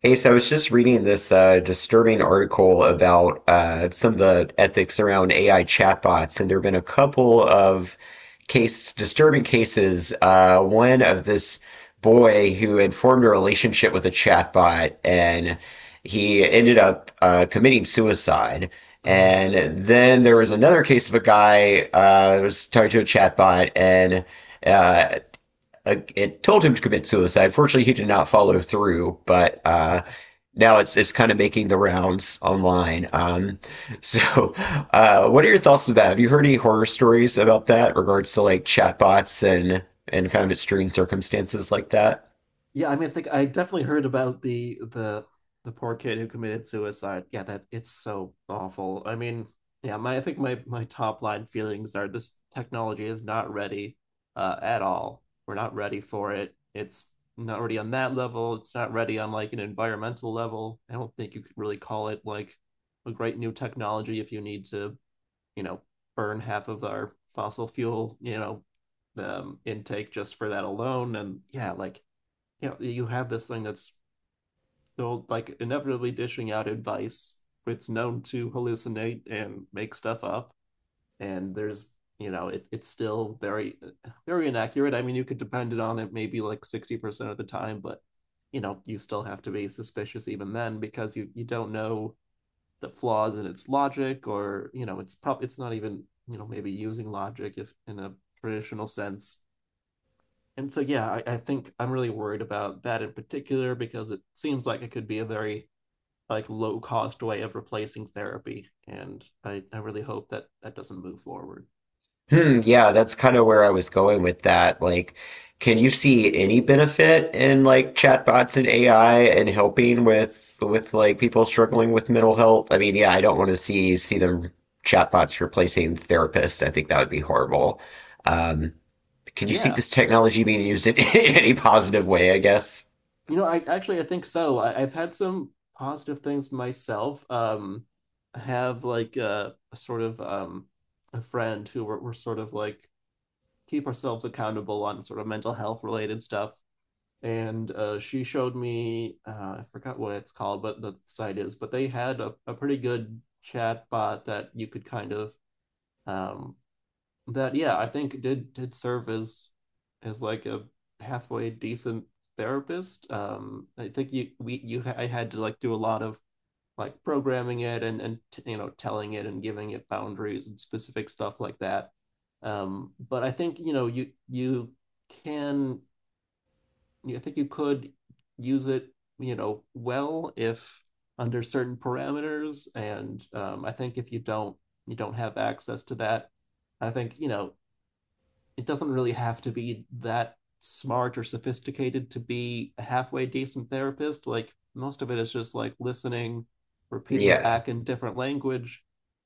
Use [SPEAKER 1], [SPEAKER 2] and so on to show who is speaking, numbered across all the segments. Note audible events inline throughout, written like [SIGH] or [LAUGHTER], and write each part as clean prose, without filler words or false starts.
[SPEAKER 1] Hey, so I was just reading this disturbing article about some of the ethics around AI chatbots, and there have been a couple of case disturbing cases. One of this boy who had formed a relationship with a chatbot, and he ended up committing suicide.
[SPEAKER 2] Uh,
[SPEAKER 1] And then there was another case of a guy was talking to a chatbot, and uh, it told him to commit suicide. Fortunately, he did not follow through, but
[SPEAKER 2] yeah,
[SPEAKER 1] now it's kind of making the rounds online. [LAUGHS] So, what are your thoughts on that? Have you heard any horror stories about that, regards to like chatbots and kind of extreme circumstances like that?
[SPEAKER 2] yeah. I mean, I think I definitely heard about the poor kid who committed suicide. Yeah, that it's so awful. I mean, yeah. My I think my my top line feelings are this technology is not ready at all. We're not ready for it. It's not ready on that level. It's not ready on like an environmental level. I don't think you could really call it like a great new technology if you need to you know burn half of our fossil fuel intake just for that alone. And yeah, like you have this thing that's still like inevitably dishing out advice, it's known to hallucinate and make stuff up, and there's, you know, it's still very very inaccurate. I mean, you could depend on it maybe like 60% of the time, but you know you still have to be suspicious even then because you don't know the flaws in its logic, or it's probably, it's not even, maybe using logic if in a traditional sense. And so yeah, I think I'm really worried about that in particular because it seems like it could be a very like low cost way of replacing therapy, and I really hope that that doesn't move forward.
[SPEAKER 1] Hmm, yeah, that's kind of where I was going with that. Like, can you see any benefit in like chatbots and AI and helping with like people struggling with mental health? I mean, yeah, I don't want to see them chatbots replacing therapists. I think that would be horrible. Um, can you see
[SPEAKER 2] Yeah,
[SPEAKER 1] this technology being used in [LAUGHS] any positive way, I guess?
[SPEAKER 2] you know, I actually I think so. I've had some positive things myself. I have like a sort of a friend who were sort of like keep ourselves accountable on sort of mental health related stuff. And she showed me, I forgot what it's called, but the site is, but they had a pretty good chat bot that you could kind of, um, that yeah, I think did serve as like a halfway decent therapist. I think you we you I had to like do a lot of like programming it and telling it and giving it boundaries and specific stuff like that. But I think you know you you can I think you could use it, well, if under certain parameters. And I think if you don't, you don't have access to that, I think it doesn't really have to be that smart or sophisticated to be a halfway decent therapist. Like most of it is just like listening, repeating
[SPEAKER 1] Yeah.
[SPEAKER 2] back in different language.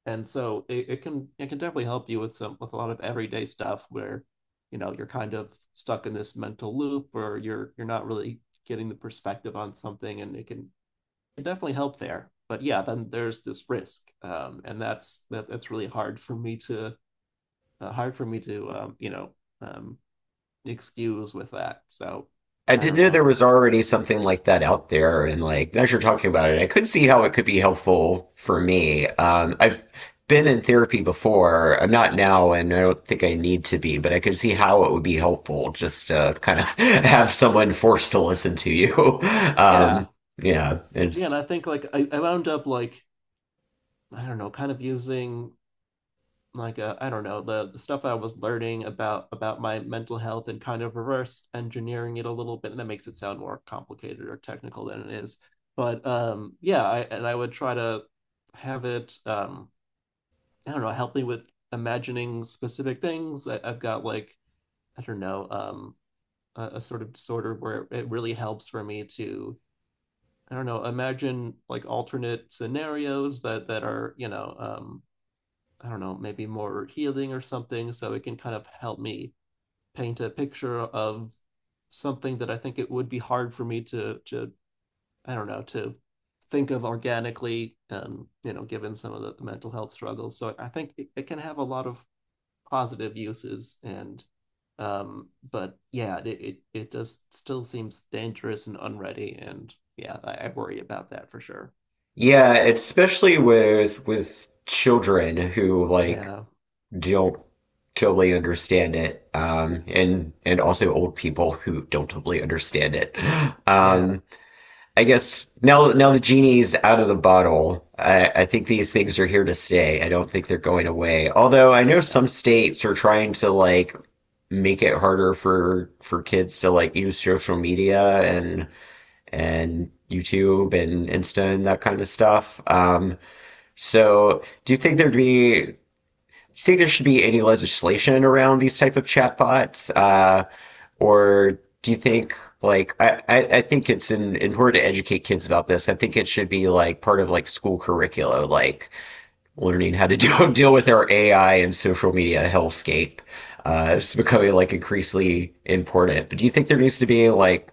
[SPEAKER 2] And so it can definitely help you with some, with a lot of everyday stuff where, you know, you're kind of stuck in this mental loop or you're not really getting the perspective on something, and it definitely help there. But yeah, then there's this risk. And that's really hard for me to hard for me to um, excuse with that. So
[SPEAKER 1] I
[SPEAKER 2] I
[SPEAKER 1] didn't
[SPEAKER 2] don't
[SPEAKER 1] know
[SPEAKER 2] know.
[SPEAKER 1] there was already something like that out there, and like as you're talking about it, I could see how it could be helpful for me. I've been in therapy before. I'm not now, and I don't think I need to be, but I could see how it would be helpful just to kind of [LAUGHS] have someone forced to listen to you. [LAUGHS]
[SPEAKER 2] Yeah.
[SPEAKER 1] Um, yeah,
[SPEAKER 2] Yeah. And
[SPEAKER 1] it's
[SPEAKER 2] I think like I wound up like, I don't know, kind of using like a, I don't know, the stuff I was learning about my mental health and kind of reverse engineering it a little bit. And that makes it sound more complicated or technical than it is. But yeah, I, and I would try to have it, I don't know, help me with imagining specific things. I've got like, I don't know, a sort of disorder where it really helps for me to, I don't know, imagine like alternate scenarios that are, you know, I don't know, maybe more healing or something, so it can kind of help me paint a picture of something that I think it would be hard for me to I don't know, to think of organically, you know, given some of the mental health struggles. So I think it can have a lot of positive uses and but yeah, it does still seems dangerous and unready, and yeah, I worry about that for sure.
[SPEAKER 1] yeah, especially with children who like
[SPEAKER 2] Yeah,
[SPEAKER 1] don't totally understand it, and also old people who don't totally understand it.
[SPEAKER 2] yeah,
[SPEAKER 1] Um, I guess now the genie's out of the bottle. I think these things are here to stay. I don't think they're going away. Although I know
[SPEAKER 2] yeah.
[SPEAKER 1] some states are trying to like make it harder for kids to like use social media and YouTube and Insta and that kind of stuff. So do you think there'd be think there should be any legislation around these type of chatbots, or do you think like think it's in order to educate kids about this, I think it should be like part of like school curricula, like learning how to [LAUGHS] deal with our AI and social media hellscape. It's becoming like increasingly important. But do you think there needs to be like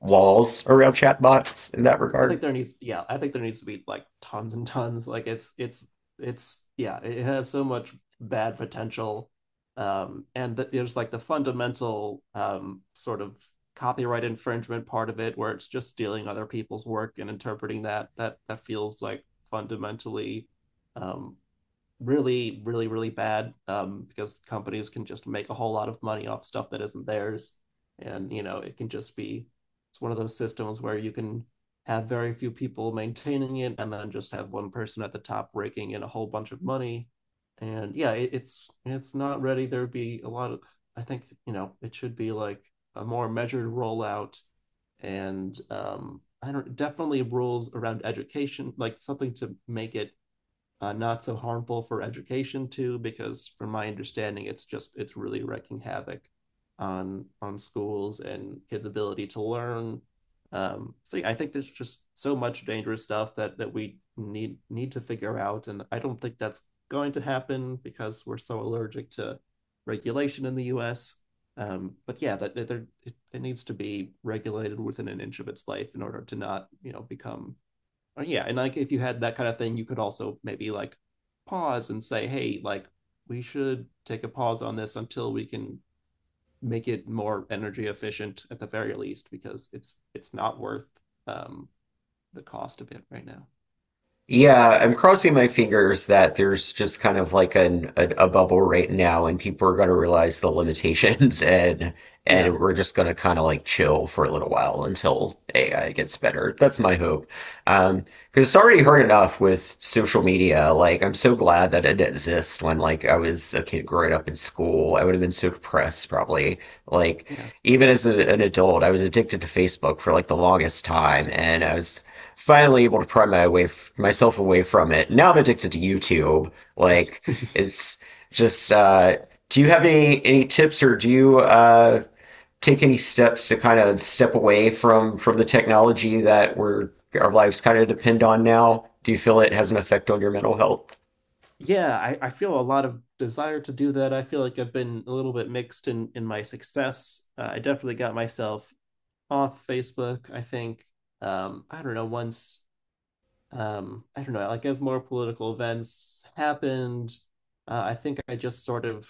[SPEAKER 1] laws around chatbots in that
[SPEAKER 2] I think
[SPEAKER 1] regard?
[SPEAKER 2] there needs, yeah, I think there needs to be like tons and tons. Like yeah, it has so much bad potential. And th there's like the fundamental sort of copyright infringement part of it, where it's just stealing other people's work and interpreting that. That feels like fundamentally um, really, really, really bad, because companies can just make a whole lot of money off stuff that isn't theirs. And, you know, it can just be, it's one of those systems where you can have very few people maintaining it and then just have one person at the top raking in a whole bunch of money. And yeah, it's not ready. There'd be a lot of, I think, you know, it should be like a more measured rollout. And I don't, definitely rules around education, like something to make it not so harmful for education too, because from my understanding, it's really wreaking havoc on schools and kids' ability to learn. So yeah, I think there's just so much dangerous stuff that that we need need to figure out, and I don't think that's going to happen because we're so allergic to regulation in the U.S. But yeah, it needs to be regulated within an inch of its life in order to not, you know, become yeah. And like if you had that kind of thing, you could also maybe like pause and say, hey, like we should take a pause on this until we can make it more energy efficient at the very least, because it's not worth um the cost of it right now.
[SPEAKER 1] Yeah, I'm crossing my fingers that there's just kind of like a bubble right now, and people are going to realize the limitations, [LAUGHS] and
[SPEAKER 2] Yeah.
[SPEAKER 1] we're just going to kind of like chill for a little while until AI gets better. That's my hope. Um, because it's already hard enough with social media. Like, I'm so glad that it exists. When like I was a kid growing up in school, I would have been so depressed probably. Like,
[SPEAKER 2] Yeah.
[SPEAKER 1] even as an adult, I was addicted to Facebook for like the longest time, and I was finally able to pry my way myself away from it. Now I'm addicted to YouTube. Like
[SPEAKER 2] [LAUGHS]
[SPEAKER 1] it's just. Do you have any tips, or do you take any steps to kind of step away from the technology that we're our lives kind of depend on now? Do you feel it has an effect on your mental health?
[SPEAKER 2] Yeah, I feel a lot of desire to do that. I feel like I've been a little bit mixed in my success. I definitely got myself off Facebook, I think. I don't know, once I don't know, like as more political events happened, I think I just sort of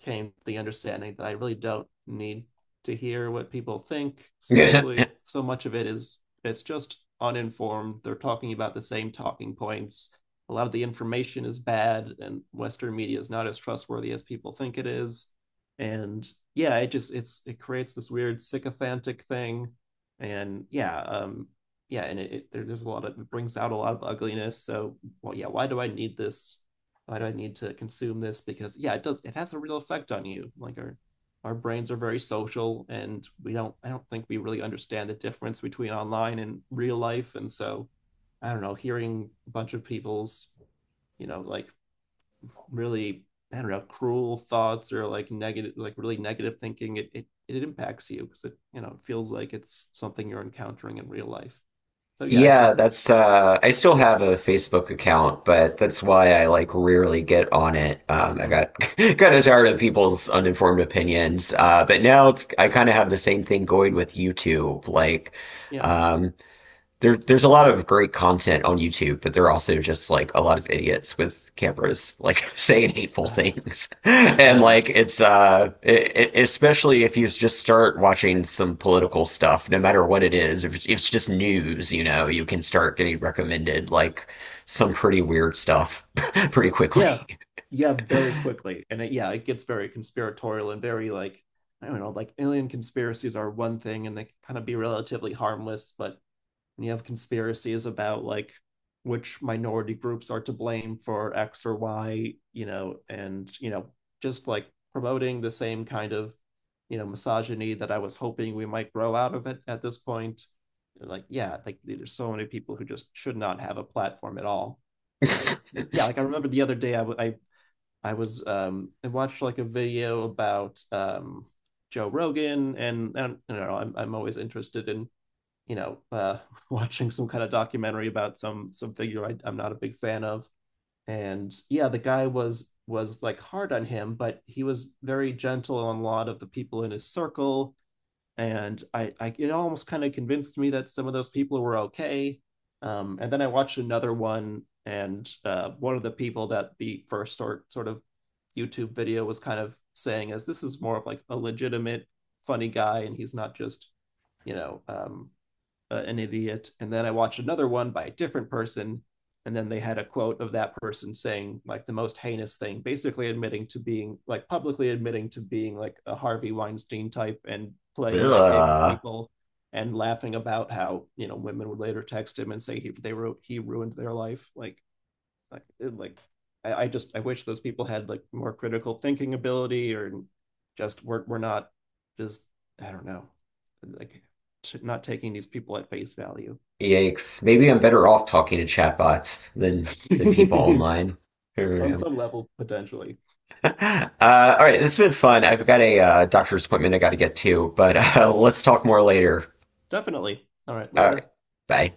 [SPEAKER 2] came to the understanding that I really don't need to hear what people think,
[SPEAKER 1] [LAUGHS]
[SPEAKER 2] especially so much of it is it's just uninformed. They're talking about the same talking points. A lot of the information is bad, and Western media is not as trustworthy as people think it is. And yeah, it just it creates this weird sycophantic thing. And yeah, yeah, and there's a lot of, it brings out a lot of ugliness. So, well, yeah, why do I need this? Why do I need to consume this? Because yeah, it does. It has a real effect on you. Like our brains are very social, and we don't. I don't think we really understand the difference between online and real life. And so, I don't know. Hearing a bunch of people's, you know, like really, I don't know, cruel thoughts or like negative, like really negative thinking, it impacts you because it you know it feels like it's something you're encountering in real life. So yeah, I think.
[SPEAKER 1] Yeah, that's I still have a Facebook account, but that's why I like rarely get on it. I
[SPEAKER 2] Mhm.
[SPEAKER 1] got [LAUGHS] kind of tired of people's uninformed opinions. But now it's I kind of have the same thing going with YouTube. Like
[SPEAKER 2] Yeah.
[SPEAKER 1] um there's a lot of great content on YouTube, but there are also just like a lot of idiots with cameras, like [LAUGHS] saying hateful
[SPEAKER 2] Ah,
[SPEAKER 1] things, [LAUGHS] and
[SPEAKER 2] yeah.
[SPEAKER 1] like it's especially if you just start watching some political stuff, no matter what it is, if it's just news, you know, you can start getting recommended like some pretty weird stuff [LAUGHS] pretty
[SPEAKER 2] Yeah.
[SPEAKER 1] quickly.
[SPEAKER 2] Yeah, very quickly. And yeah, it gets very conspiratorial and very like, I don't know, like alien conspiracies are one thing and they can kind of be relatively harmless, but, and you have conspiracies about like which minority groups are to blame for X or Y, you know, and you know, just like promoting the same kind of, you know, misogyny that I was hoping we might grow out of it at this point. Like, yeah, like there's so many people who just should not have a platform at all. Um,
[SPEAKER 1] [LAUGHS]
[SPEAKER 2] yeah, like I remember the other day I watched like a video about Joe Rogan. And I don't know, I'm always interested in, you know, [LAUGHS] watching some kind of documentary about some figure I'm not a big fan of. And yeah, the guy was like hard on him, but he was very gentle on a lot of the people in his circle. And I, it almost kind of convinced me that some of those people were okay. And then I watched another one, and one of the people that the first sort of YouTube video was kind of saying is this is more of like a legitimate funny guy, and he's not just, you know um, an idiot. And then I watched another one by a different person. And then they had a quote of that person saying like the most heinous thing, basically admitting to being like, publicly admitting to being like a Harvey Weinstein type and playing that game with
[SPEAKER 1] Ugh.
[SPEAKER 2] people, and laughing about how, you know, women would later text him and say they wrote, he ruined their life. Like, like, like I just, I wish those people had like more critical thinking ability, or just we're not just, I don't know, like, not taking these people at face value.
[SPEAKER 1] Yikes! Maybe I'm better off talking to chatbots than people
[SPEAKER 2] [LAUGHS]
[SPEAKER 1] online. I don't
[SPEAKER 2] On
[SPEAKER 1] know.
[SPEAKER 2] some level, potentially.
[SPEAKER 1] [LAUGHS] All right, this has been fun. I've got a doctor's appointment I got to get to, but [LAUGHS] let's talk more later.
[SPEAKER 2] Definitely. All right,
[SPEAKER 1] All right,
[SPEAKER 2] later.
[SPEAKER 1] bye.